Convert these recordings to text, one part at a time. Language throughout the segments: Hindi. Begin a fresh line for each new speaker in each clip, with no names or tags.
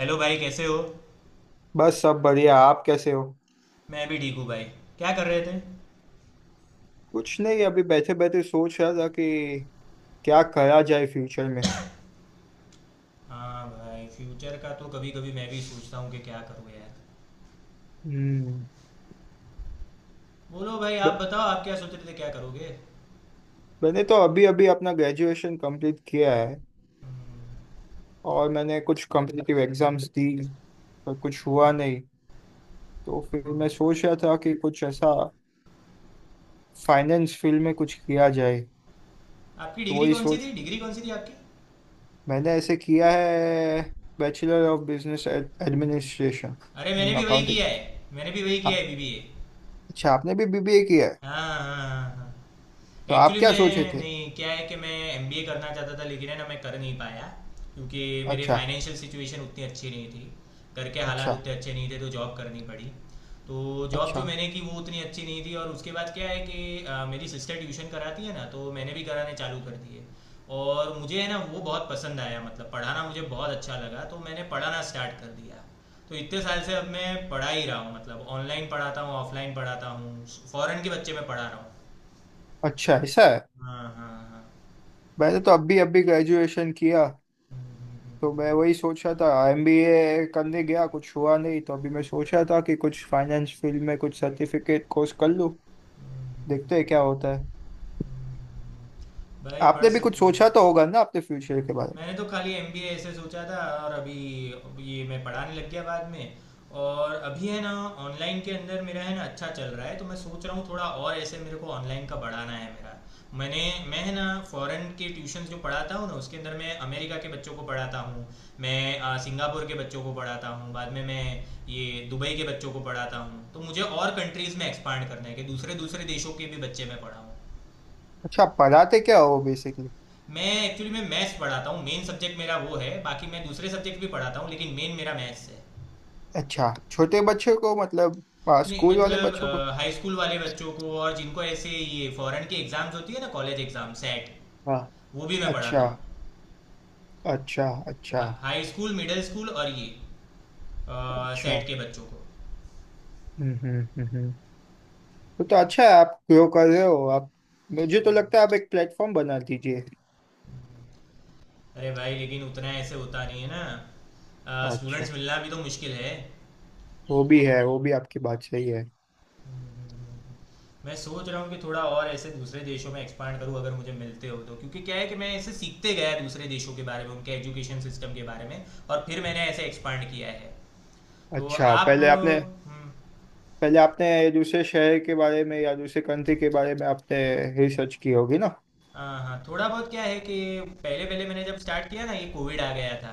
हेलो भाई, कैसे हो?
बस सब बढ़िया। आप कैसे हो?
मैं भी ठीक हूँ भाई। क्या कर रहे थे?
कुछ नहीं, अभी बैठे बैठे सोच रहा था कि क्या करा जाए फ्यूचर में।
हाँ भाई, फ्यूचर का तो कभी कभी मैं भी सोचता हूँ कि क्या करूँ यार।
हम्म।
बोलो भाई, आप
ब-
बताओ, आप क्या सोच रहे थे, क्या करोगे?
मैंने तो अभी अभी अपना ग्रेजुएशन कंप्लीट किया है।
हम्म।
और मैंने कुछ कॉम्पिटिटिव एग्जाम्स दी, पर कुछ हुआ नहीं। तो फिर मैं सोच रहा था कि कुछ ऐसा फाइनेंस फील्ड में कुछ किया जाए।
आपकी
तो
डिग्री
वही
कौन सी
सोच,
थी? डिग्री कौन सी थी आपकी?
मैंने ऐसे किया है, बैचलर ऑफ बिजनेस एडमिनिस्ट्रेशन
अरे, मैंने
इन
भी वही किया
अकाउंटिंग।
है, मैंने भी वही किया
हाँ।
है, बीबीए।
अच्छा, आपने भी बीबीए किया है।
हाँ हाँ हाँ हाँ।
तो आप
एक्चुअली
क्या सोचे
मैं
थे?
नहीं, क्या है कि मैं एम करना चाहता था, लेकिन है ना, मैं कर नहीं पाया क्योंकि मेरे
अच्छा।
फाइनेंशियल सिचुएशन उतनी अच्छी नहीं थी। घर के हालात
अच्छा।
उतने अच्छे नहीं थे, तो जॉब करनी पड़ी। तो जॉब जो
अच्छा।
मैंने की वो उतनी अच्छी नहीं थी, और उसके बाद क्या है कि मेरी सिस्टर ट्यूशन कराती है ना, तो मैंने भी कराने चालू कर दिए। और मुझे है ना वो बहुत पसंद आया, मतलब पढ़ाना मुझे बहुत अच्छा लगा, तो मैंने पढ़ाना स्टार्ट कर दिया। तो इतने साल से अब मैं पढ़ा ही रहा हूँ, मतलब ऑनलाइन पढ़ाता हूँ, ऑफलाइन पढ़ाता हूँ। फॉरेन के बच्चे मैं पढ़ा रहा हूँ।
अच्छा ऐसा है।
हाँ हाँ हाँ,
मैंने तो अभी अभी ग्रेजुएशन किया। तो मैं वही सोच रहा था, एमबीए करने गया, कुछ हुआ नहीं, तो अभी मैं सोच रहा था कि कुछ फाइनेंस फील्ड में कुछ सर्टिफिकेट कोर्स कर लूं। देखते हैं क्या होता है।
भाई पढ़
आपने भी कुछ
सकते
सोचा तो
हो।
होगा ना अपने फ्यूचर के बारे में।
मैंने तो खाली एम ऐसे सोचा था। और अभी ये मैं पढ़ाने लग गया बाद में। और अभी है ना, ऑनलाइन के अंदर मेरा है ना अच्छा चल रहा है, तो मैं सोच रहा हूँ थोड़ा और ऐसे मेरे को ऑनलाइन का बढ़ाना है मेरा। मैंने, मैं है ना फॉरेन के ट्यूशन जो पढ़ाता हूँ ना, उसके अंदर मैं अमेरिका के बच्चों को पढ़ाता हूँ। मैं सिंगापुर के बच्चों को पढ़ाता हूँ, बाद में मैं ये दुबई के बच्चों को पढ़ाता हूँ, तो मुझे और कंट्रीज़ में एक्सपांड करना है कि दूसरे दूसरे देशों के भी बच्चे मैं पढ़ाऊँ।
अच्छा, आप पढ़ाते क्या हो बेसिकली?
मैं एक्चुअली, मैं मैथ्स पढ़ाता हूँ, मेन सब्जेक्ट मेरा वो है, बाकी मैं दूसरे सब्जेक्ट भी पढ़ाता हूँ लेकिन मेन मेरा मैथ्स है।
अच्छा, छोटे बच्चों को मतलब,
नहीं
स्कूल वाले
मतलब,
बच्चों को?
हाई स्कूल वाले बच्चों को, और जिनको ऐसे ये फॉरेन की एग्जाम्स होती है ना, कॉलेज एग्जाम सेट,
हाँ।
वो भी मैं पढ़ाता
अच्छा।
हूँ।
अच्छा। अच्छा।
हाई स्कूल, मिडिल स्कूल, और ये
अच्छा।
सेट के बच्चों को।
हम्म। हम्म। हम्म। हम्म। वो तो अच्छा है, आप ग्रो कर रहे हो आप। मुझे तो लगता है आप एक प्लेटफॉर्म बना दीजिए।
अरे भाई, लेकिन उतना ऐसे होता नहीं है ना, स्टूडेंट्स
अच्छा।
मिलना भी तो मुश्किल है।
वो भी है, वो भी आपकी बात सही है।
मैं सोच रहा हूँ कि थोड़ा और ऐसे दूसरे देशों में एक्सपांड करूँ अगर मुझे मिलते हो तो, क्योंकि क्या है कि मैं ऐसे सीखते गया दूसरे देशों के बारे में, उनके एजुकेशन सिस्टम के बारे में, और फिर मैंने ऐसे एक्सपांड किया है। तो
अच्छा,
आप, हम्म।
पहले आपने दूसरे शहर के बारे में या दूसरे कंट्री के बारे में आपने रिसर्च की होगी ना?
हाँ हाँ, थोड़ा बहुत, क्या है कि पहले पहले मैंने जब स्टार्ट किया ना, ये कोविड आ गया था,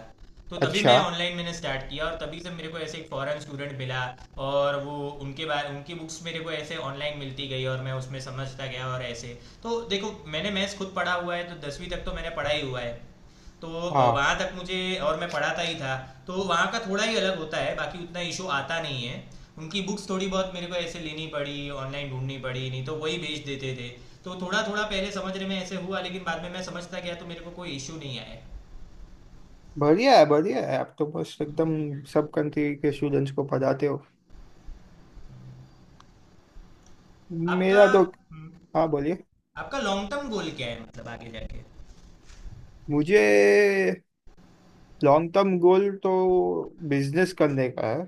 तो तभी
अच्छा।
मैं ऑनलाइन मैंने स्टार्ट किया, और तभी से मेरे को ऐसे एक फॉरेन स्टूडेंट मिला। और वो उनके बारे, उनकी बुक्स मेरे को ऐसे ऑनलाइन मिलती गई, और मैं उसमें समझता गया, और ऐसे, तो देखो मैंने मैथ्स खुद पढ़ा हुआ है तो 10वीं तक तो मैंने पढ़ा ही हुआ है। तो
हाँ।
वहाँ तक मुझे, और मैं पढ़ाता ही था। तो वहाँ का थोड़ा ही अलग होता है, बाकी उतना इशू आता नहीं है। उनकी बुक्स थोड़ी बहुत मेरे को ऐसे लेनी पड़ी, ऑनलाइन ढूंढनी पड़ी, नहीं तो वही भेज देते थे। तो थोड़ा थोड़ा पहले समझने में ऐसे हुआ, लेकिन बाद में मैं समझता गया तो मेरे को कोई इशू नहीं आया।
बढ़िया है, बढ़िया है, आप तो बस एकदम सब कंट्री के स्टूडेंट्स को पढ़ाते हो।
आपका,
मेरा तो,
हम्म।
हाँ बोलिए।
आपका लॉन्ग टर्म गोल क्या है, मतलब आगे जाके?
मुझे, लॉन्ग टर्म गोल तो बिजनेस करने का है,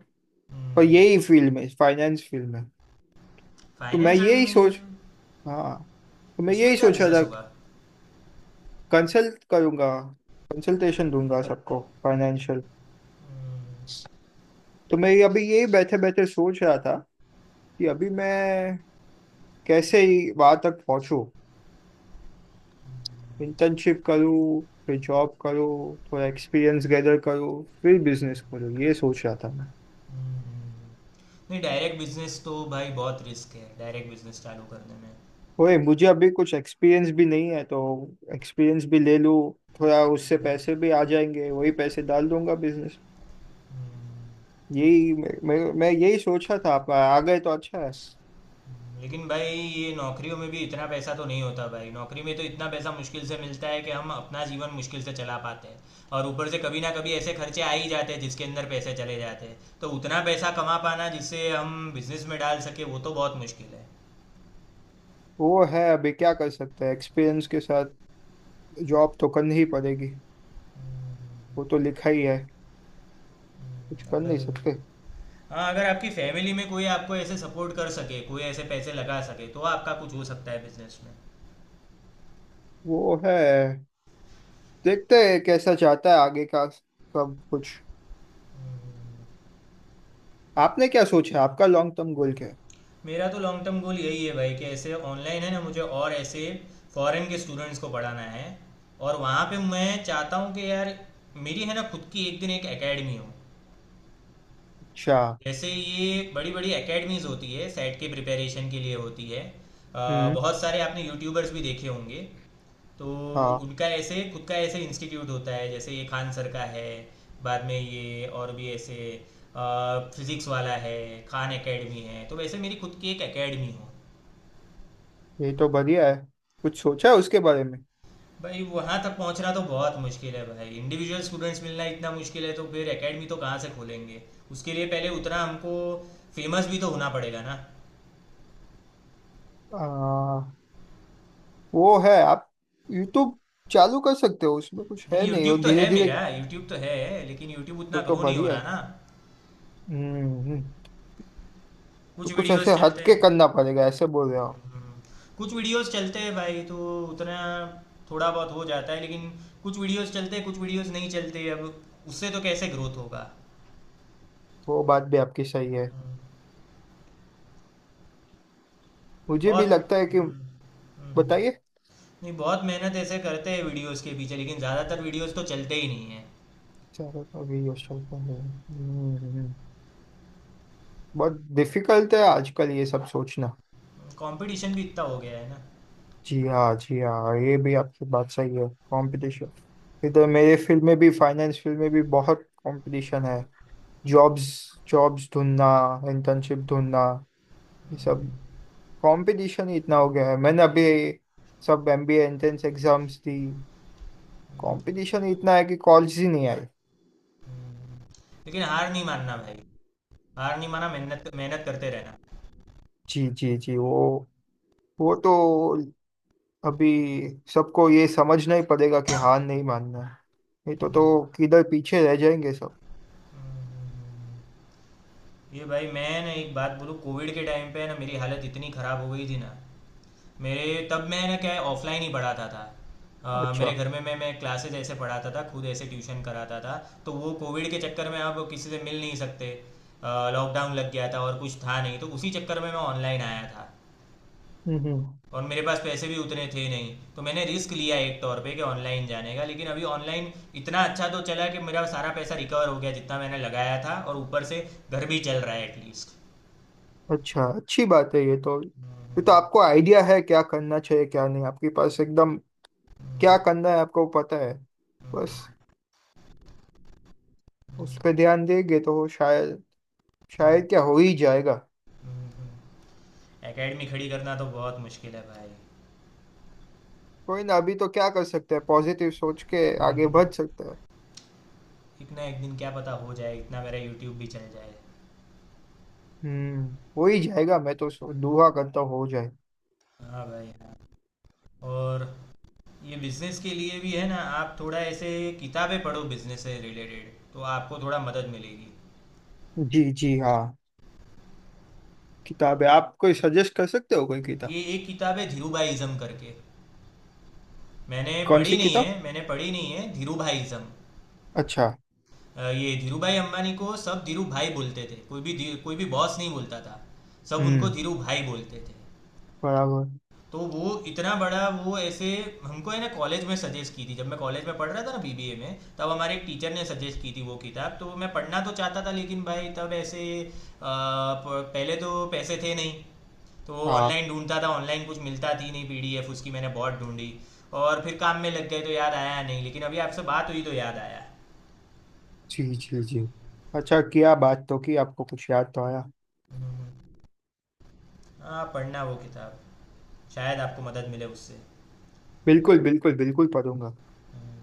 पर यही फील्ड में, फाइनेंस फील्ड में। तो मैं
फाइनेंस
यही सोच,
में?
हाँ, तो मैं
उसमें
यही
क्या
सोच रहा
बिजनेस
था।
होगा?
कंसल्ट करूंगा, कंसल्टेशन दूंगा सबको, फाइनेंशियल।
हम्म।
तो मैं अभी यही बैठे बैठे सोच रहा था कि अभी मैं कैसे ही वहां तक पहुंचूं। इंटर्नशिप करूँ, फिर जॉब करूँ, थोड़ा एक्सपीरियंस गैदर करूँ, फिर बिजनेस करूँ, ये सोच रहा था मैं।
हम्म। नहीं, डायरेक्ट बिजनेस तो भाई बहुत रिस्क है डायरेक्ट बिजनेस चालू करने में।
ओए, मुझे अभी कुछ एक्सपीरियंस भी नहीं है तो एक्सपीरियंस भी ले लूँ। थोड़ा उससे पैसे भी आ जाएंगे, वही पैसे डाल दूंगा बिजनेस।
हम्म।
यही मैं यही सोचा था, आप आ गए तो अच्छा है।
लेकिन भाई ये नौकरियों में भी इतना पैसा तो नहीं होता भाई, नौकरी में तो इतना पैसा मुश्किल से मिलता है कि हम अपना जीवन मुश्किल से चला पाते हैं। और ऊपर से कभी ना कभी ऐसे खर्चे आ ही जाते हैं जिसके अंदर पैसे चले जाते हैं, तो उतना पैसा कमा पाना जिससे हम बिजनेस में डाल सके वो तो बहुत मुश्किल है।
वो है, अभी क्या कर सकते हैं, एक्सपीरियंस के साथ जॉब तो करनी ही पड़ेगी। वो तो लिखा ही है, कुछ कर
अगर,
नहीं सकते।
हाँ अगर आपकी फैमिली में कोई आपको ऐसे सपोर्ट कर सके, कोई ऐसे पैसे लगा सके, तो आपका कुछ हो सकता है बिजनेस में।
वो है, देखते हैं कैसा जाता है आगे का सब कुछ। आपने क्या सोचा है? आपका लॉन्ग टर्म गोल क्या है?
मेरा तो लॉन्ग टर्म गोल यही है भाई कि ऐसे ऑनलाइन है ना, मुझे और ऐसे फॉरेन के स्टूडेंट्स को पढ़ाना है। और वहाँ पे मैं चाहता हूँ कि यार मेरी है ना खुद की एक दिन एक एकेडमी हो।
अच्छा।
जैसे ये बड़ी बड़ी एकेडमीज होती है, सेट के प्रिपरेशन के लिए होती है,
हम्म।
बहुत सारे आपने यूट्यूबर्स भी देखे होंगे। तो
हाँ,
उनका ऐसे खुद का ऐसे इंस्टीट्यूट होता है, जैसे ये खान सर का है, बाद में ये और भी ऐसे फिजिक्स वाला है, खान एकेडमी है, तो वैसे मेरी खुद की एक एकेडमी हो।
ये तो बढ़िया है। कुछ सोचा है उसके बारे में?
भाई वहां तक पहुंचना तो बहुत मुश्किल है भाई, इंडिविजुअल स्टूडेंट्स मिलना इतना मुश्किल है तो फिर एकेडमी तो कहाँ से खोलेंगे। उसके लिए पहले उतना हमको फेमस भी तो होना पड़ेगा ना।
आ, वो है, आप यूट्यूब चालू कर सकते हो, उसमें कुछ है
नहीं,
नहीं, वो
यूट्यूब तो है
धीरे धीरे।
मेरा, यूट्यूब तो है, लेकिन यूट्यूब उतना
तो
ग्रो नहीं हो
बढ़िया
रहा
है।
ना।
हम्म। हम्म। तो
कुछ
कुछ
वीडियोस
ऐसे हट
चलते
के
हैं।
करना पड़ेगा ऐसे बोल रहे हो?
हम्म। कुछ वीडियोस चलते हैं भाई, तो उतना थोड़ा बहुत हो जाता है, लेकिन कुछ वीडियोस चलते हैं, कुछ वीडियोस नहीं चलते, अब उससे तो कैसे ग्रोथ होगा।
वो बात भी आपकी सही है।
हम्म,
मुझे भी
बहुत।
लगता है कि,
हम्म। हम्म।
बताइए।
नहीं, बहुत मेहनत ऐसे करते हैं वीडियोस के पीछे, लेकिन ज़्यादातर वीडियोस तो चलते ही नहीं है।
चलो अभी क्वेश्चन तो नहीं, हम्म। बहुत डिफिकल्ट है आजकल ये सब सोचना।
कंपटीशन भी इतना हो गया है ना।
जी हाँ, जी हाँ, ये भी आपकी बात सही है, कंपटीशन। इधर मेरे फील्ड में भी, फाइनेंस फील्ड में भी बहुत कंपटीशन है। जॉब्स, जॉब्स ढूंढना, इंटर्नशिप ढूंढना, ये सब कंपटीशन ही इतना हो गया है। मैंने अभी सब एमबीए एंट्रेंस एग्जाम्स दी, कंपटीशन इतना है कि कॉलेज ही नहीं आई।
हम्म। लेकिन हार नहीं मानना भाई। हार नहीं माना, मेहनत मेहनत करते रहना।
जी जी जी, वो तो अभी सबको ये समझना ही पड़ेगा कि हार नहीं मानना है। नहीं तो
हम्म।
तो किधर पीछे रह जाएंगे सब।
ये भाई मैं ना एक बात बोलूँ, कोविड के टाइम पे ना मेरी हालत इतनी ख़राब हो गई थी ना। मेरे तब मैंने क्या है, ऑफलाइन ही पढ़ाता था।
अच्छा।
मेरे घर में मैं क्लासेज ऐसे पढ़ाता था, खुद ऐसे ट्यूशन कराता था। तो वो कोविड के चक्कर में अब किसी से मिल नहीं सकते, लॉकडाउन लग गया था और कुछ था नहीं तो उसी चक्कर में मैं ऑनलाइन आया था।
हम्म। हम्म।
और मेरे पास पैसे भी उतने थे नहीं, तो मैंने रिस्क लिया एक तौर पे कि ऑनलाइन जाने का, लेकिन अभी ऑनलाइन इतना अच्छा तो चला कि मेरा सारा पैसा रिकवर हो गया जितना मैंने लगाया था, और ऊपर से घर भी चल रहा है।
अच्छा, अच्छी बात है ये तो। ये तो आपको आइडिया है क्या करना चाहिए क्या नहीं, आपके पास एकदम क्या करना है आपको पता है। बस
एटलीस्ट
उस पे ध्यान देंगे तो शायद, शायद क्या हो ही जाएगा।
एकेडमी खड़ी करना तो बहुत मुश्किल है भाई।
कोई ना, अभी तो क्या कर सकते हैं, पॉजिटिव सोच के आगे बढ़ सकते हैं।
एक ना एक दिन क्या पता हो जाए, इतना मेरा यूट्यूब भी चल जाए।
हम्म, हो ही जाएगा, मैं तो दुआ करता हूँ हो जाए।
हाँ भाई हाँ। और ये बिजनेस के लिए भी है ना, आप थोड़ा ऐसे किताबें पढ़ो बिजनेस से रिलेटेड, तो आपको थोड़ा मदद मिलेगी।
जी, जी हाँ। किताब है, आप कोई सजेस्ट कर सकते हो कोई
ये
किताब?
एक किताब है धीरूभाईज़म करके, मैंने
कौन
पढ़ी
सी
नहीं
किताब?
है, मैंने पढ़ी नहीं है धीरूभाईज़म।
अच्छा।
ये धीरूभाई अंबानी को सब धीरू भाई बोलते थे, कोई भी कोई भी बॉस नहीं बोलता था, सब उनको
हम्म।
धीरू भाई बोलते थे।
बराबर।
तो वो इतना बड़ा, वो ऐसे हमको है ना कॉलेज में सजेस्ट की थी, जब मैं कॉलेज में पढ़ रहा था ना बीबीए में, तब हमारे एक टीचर ने सजेस्ट की थी वो किताब, तो मैं पढ़ना तो चाहता था, लेकिन भाई तब ऐसे पहले तो पैसे थे नहीं। तो
हाँ।
ऑनलाइन ढूंढता था, ऑनलाइन कुछ मिलता थी नहीं, पीडीएफ उसकी मैंने बहुत ढूंढी। और फिर काम में लग गए तो याद आया नहीं, लेकिन अभी आपसे बात हुई तो याद आया।
जी जी जी, अच्छा किया बात तो कि आपको कुछ याद तो आया।
हम्म। हाँ पढ़ना वो किताब, शायद आपको मदद मिले उससे।
बिल्कुल बिल्कुल बिल्कुल, पढ़ूंगा।
हम्म।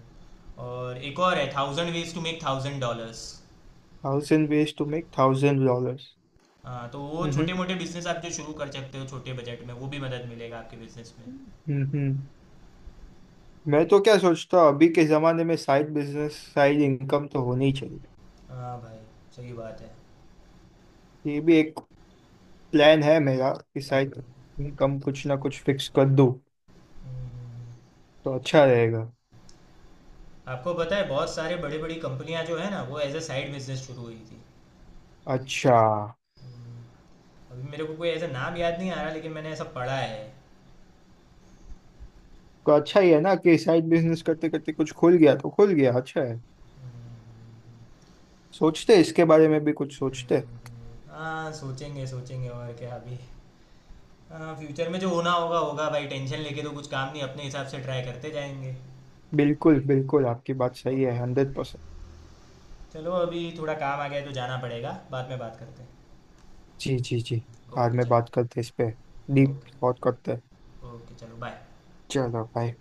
और एक और है, 1000 veg to make 1000 dollars.
Thousand ways to make thousand dollars.
हाँ, तो वो छोटे
हम्म।
मोटे बिजनेस आप जो शुरू कर सकते हो छोटे बजट में, वो भी मदद मिलेगा आपके बिजनेस में।
हम्म। हूँ। मैं तो क्या सोचता हूँ अभी के जमाने में साइड बिजनेस, साइड इनकम तो होनी ही चाहिए।
हाँ भाई, सही बात है।
ये भी एक प्लान है मेरा कि साइड इनकम कुछ ना कुछ फिक्स कर दूँ
हम्म।
तो अच्छा रहेगा।
आपको पता है बहुत सारे बड़ी बड़ी कंपनियां जो है ना, वो एज अ साइड बिजनेस शुरू हुई थी।
अच्छा।
हम्म। अभी मेरे को कोई ऐसा नाम याद नहीं आ रहा, लेकिन मैंने ऐसा पढ़ा है।
तो अच्छा ही है ना कि साइड बिजनेस करते करते कुछ खुल गया तो खुल गया, अच्छा है।
हम्म।
सोचते इसके बारे में भी कुछ सोचते।
हाँ सोचेंगे सोचेंगे, और क्या अभी। हाँ, फ्यूचर में जो होना होगा होगा भाई, टेंशन लेके तो कुछ काम नहीं, अपने हिसाब से ट्राई करते जाएंगे।
बिल्कुल बिल्कुल, आपकी बात सही
ओके
है, हंड्रेड
ओके,
परसेंट
चलो अभी थोड़ा काम आ गया है तो जाना पड़ेगा, बाद में बात करते हैं।
जी जी जी, बाद
ओके
में
चलो।
बात करते इस पे, डीप
ओके,
थॉट करते हैं।
ओके चलो, बाय।
चलो भाई।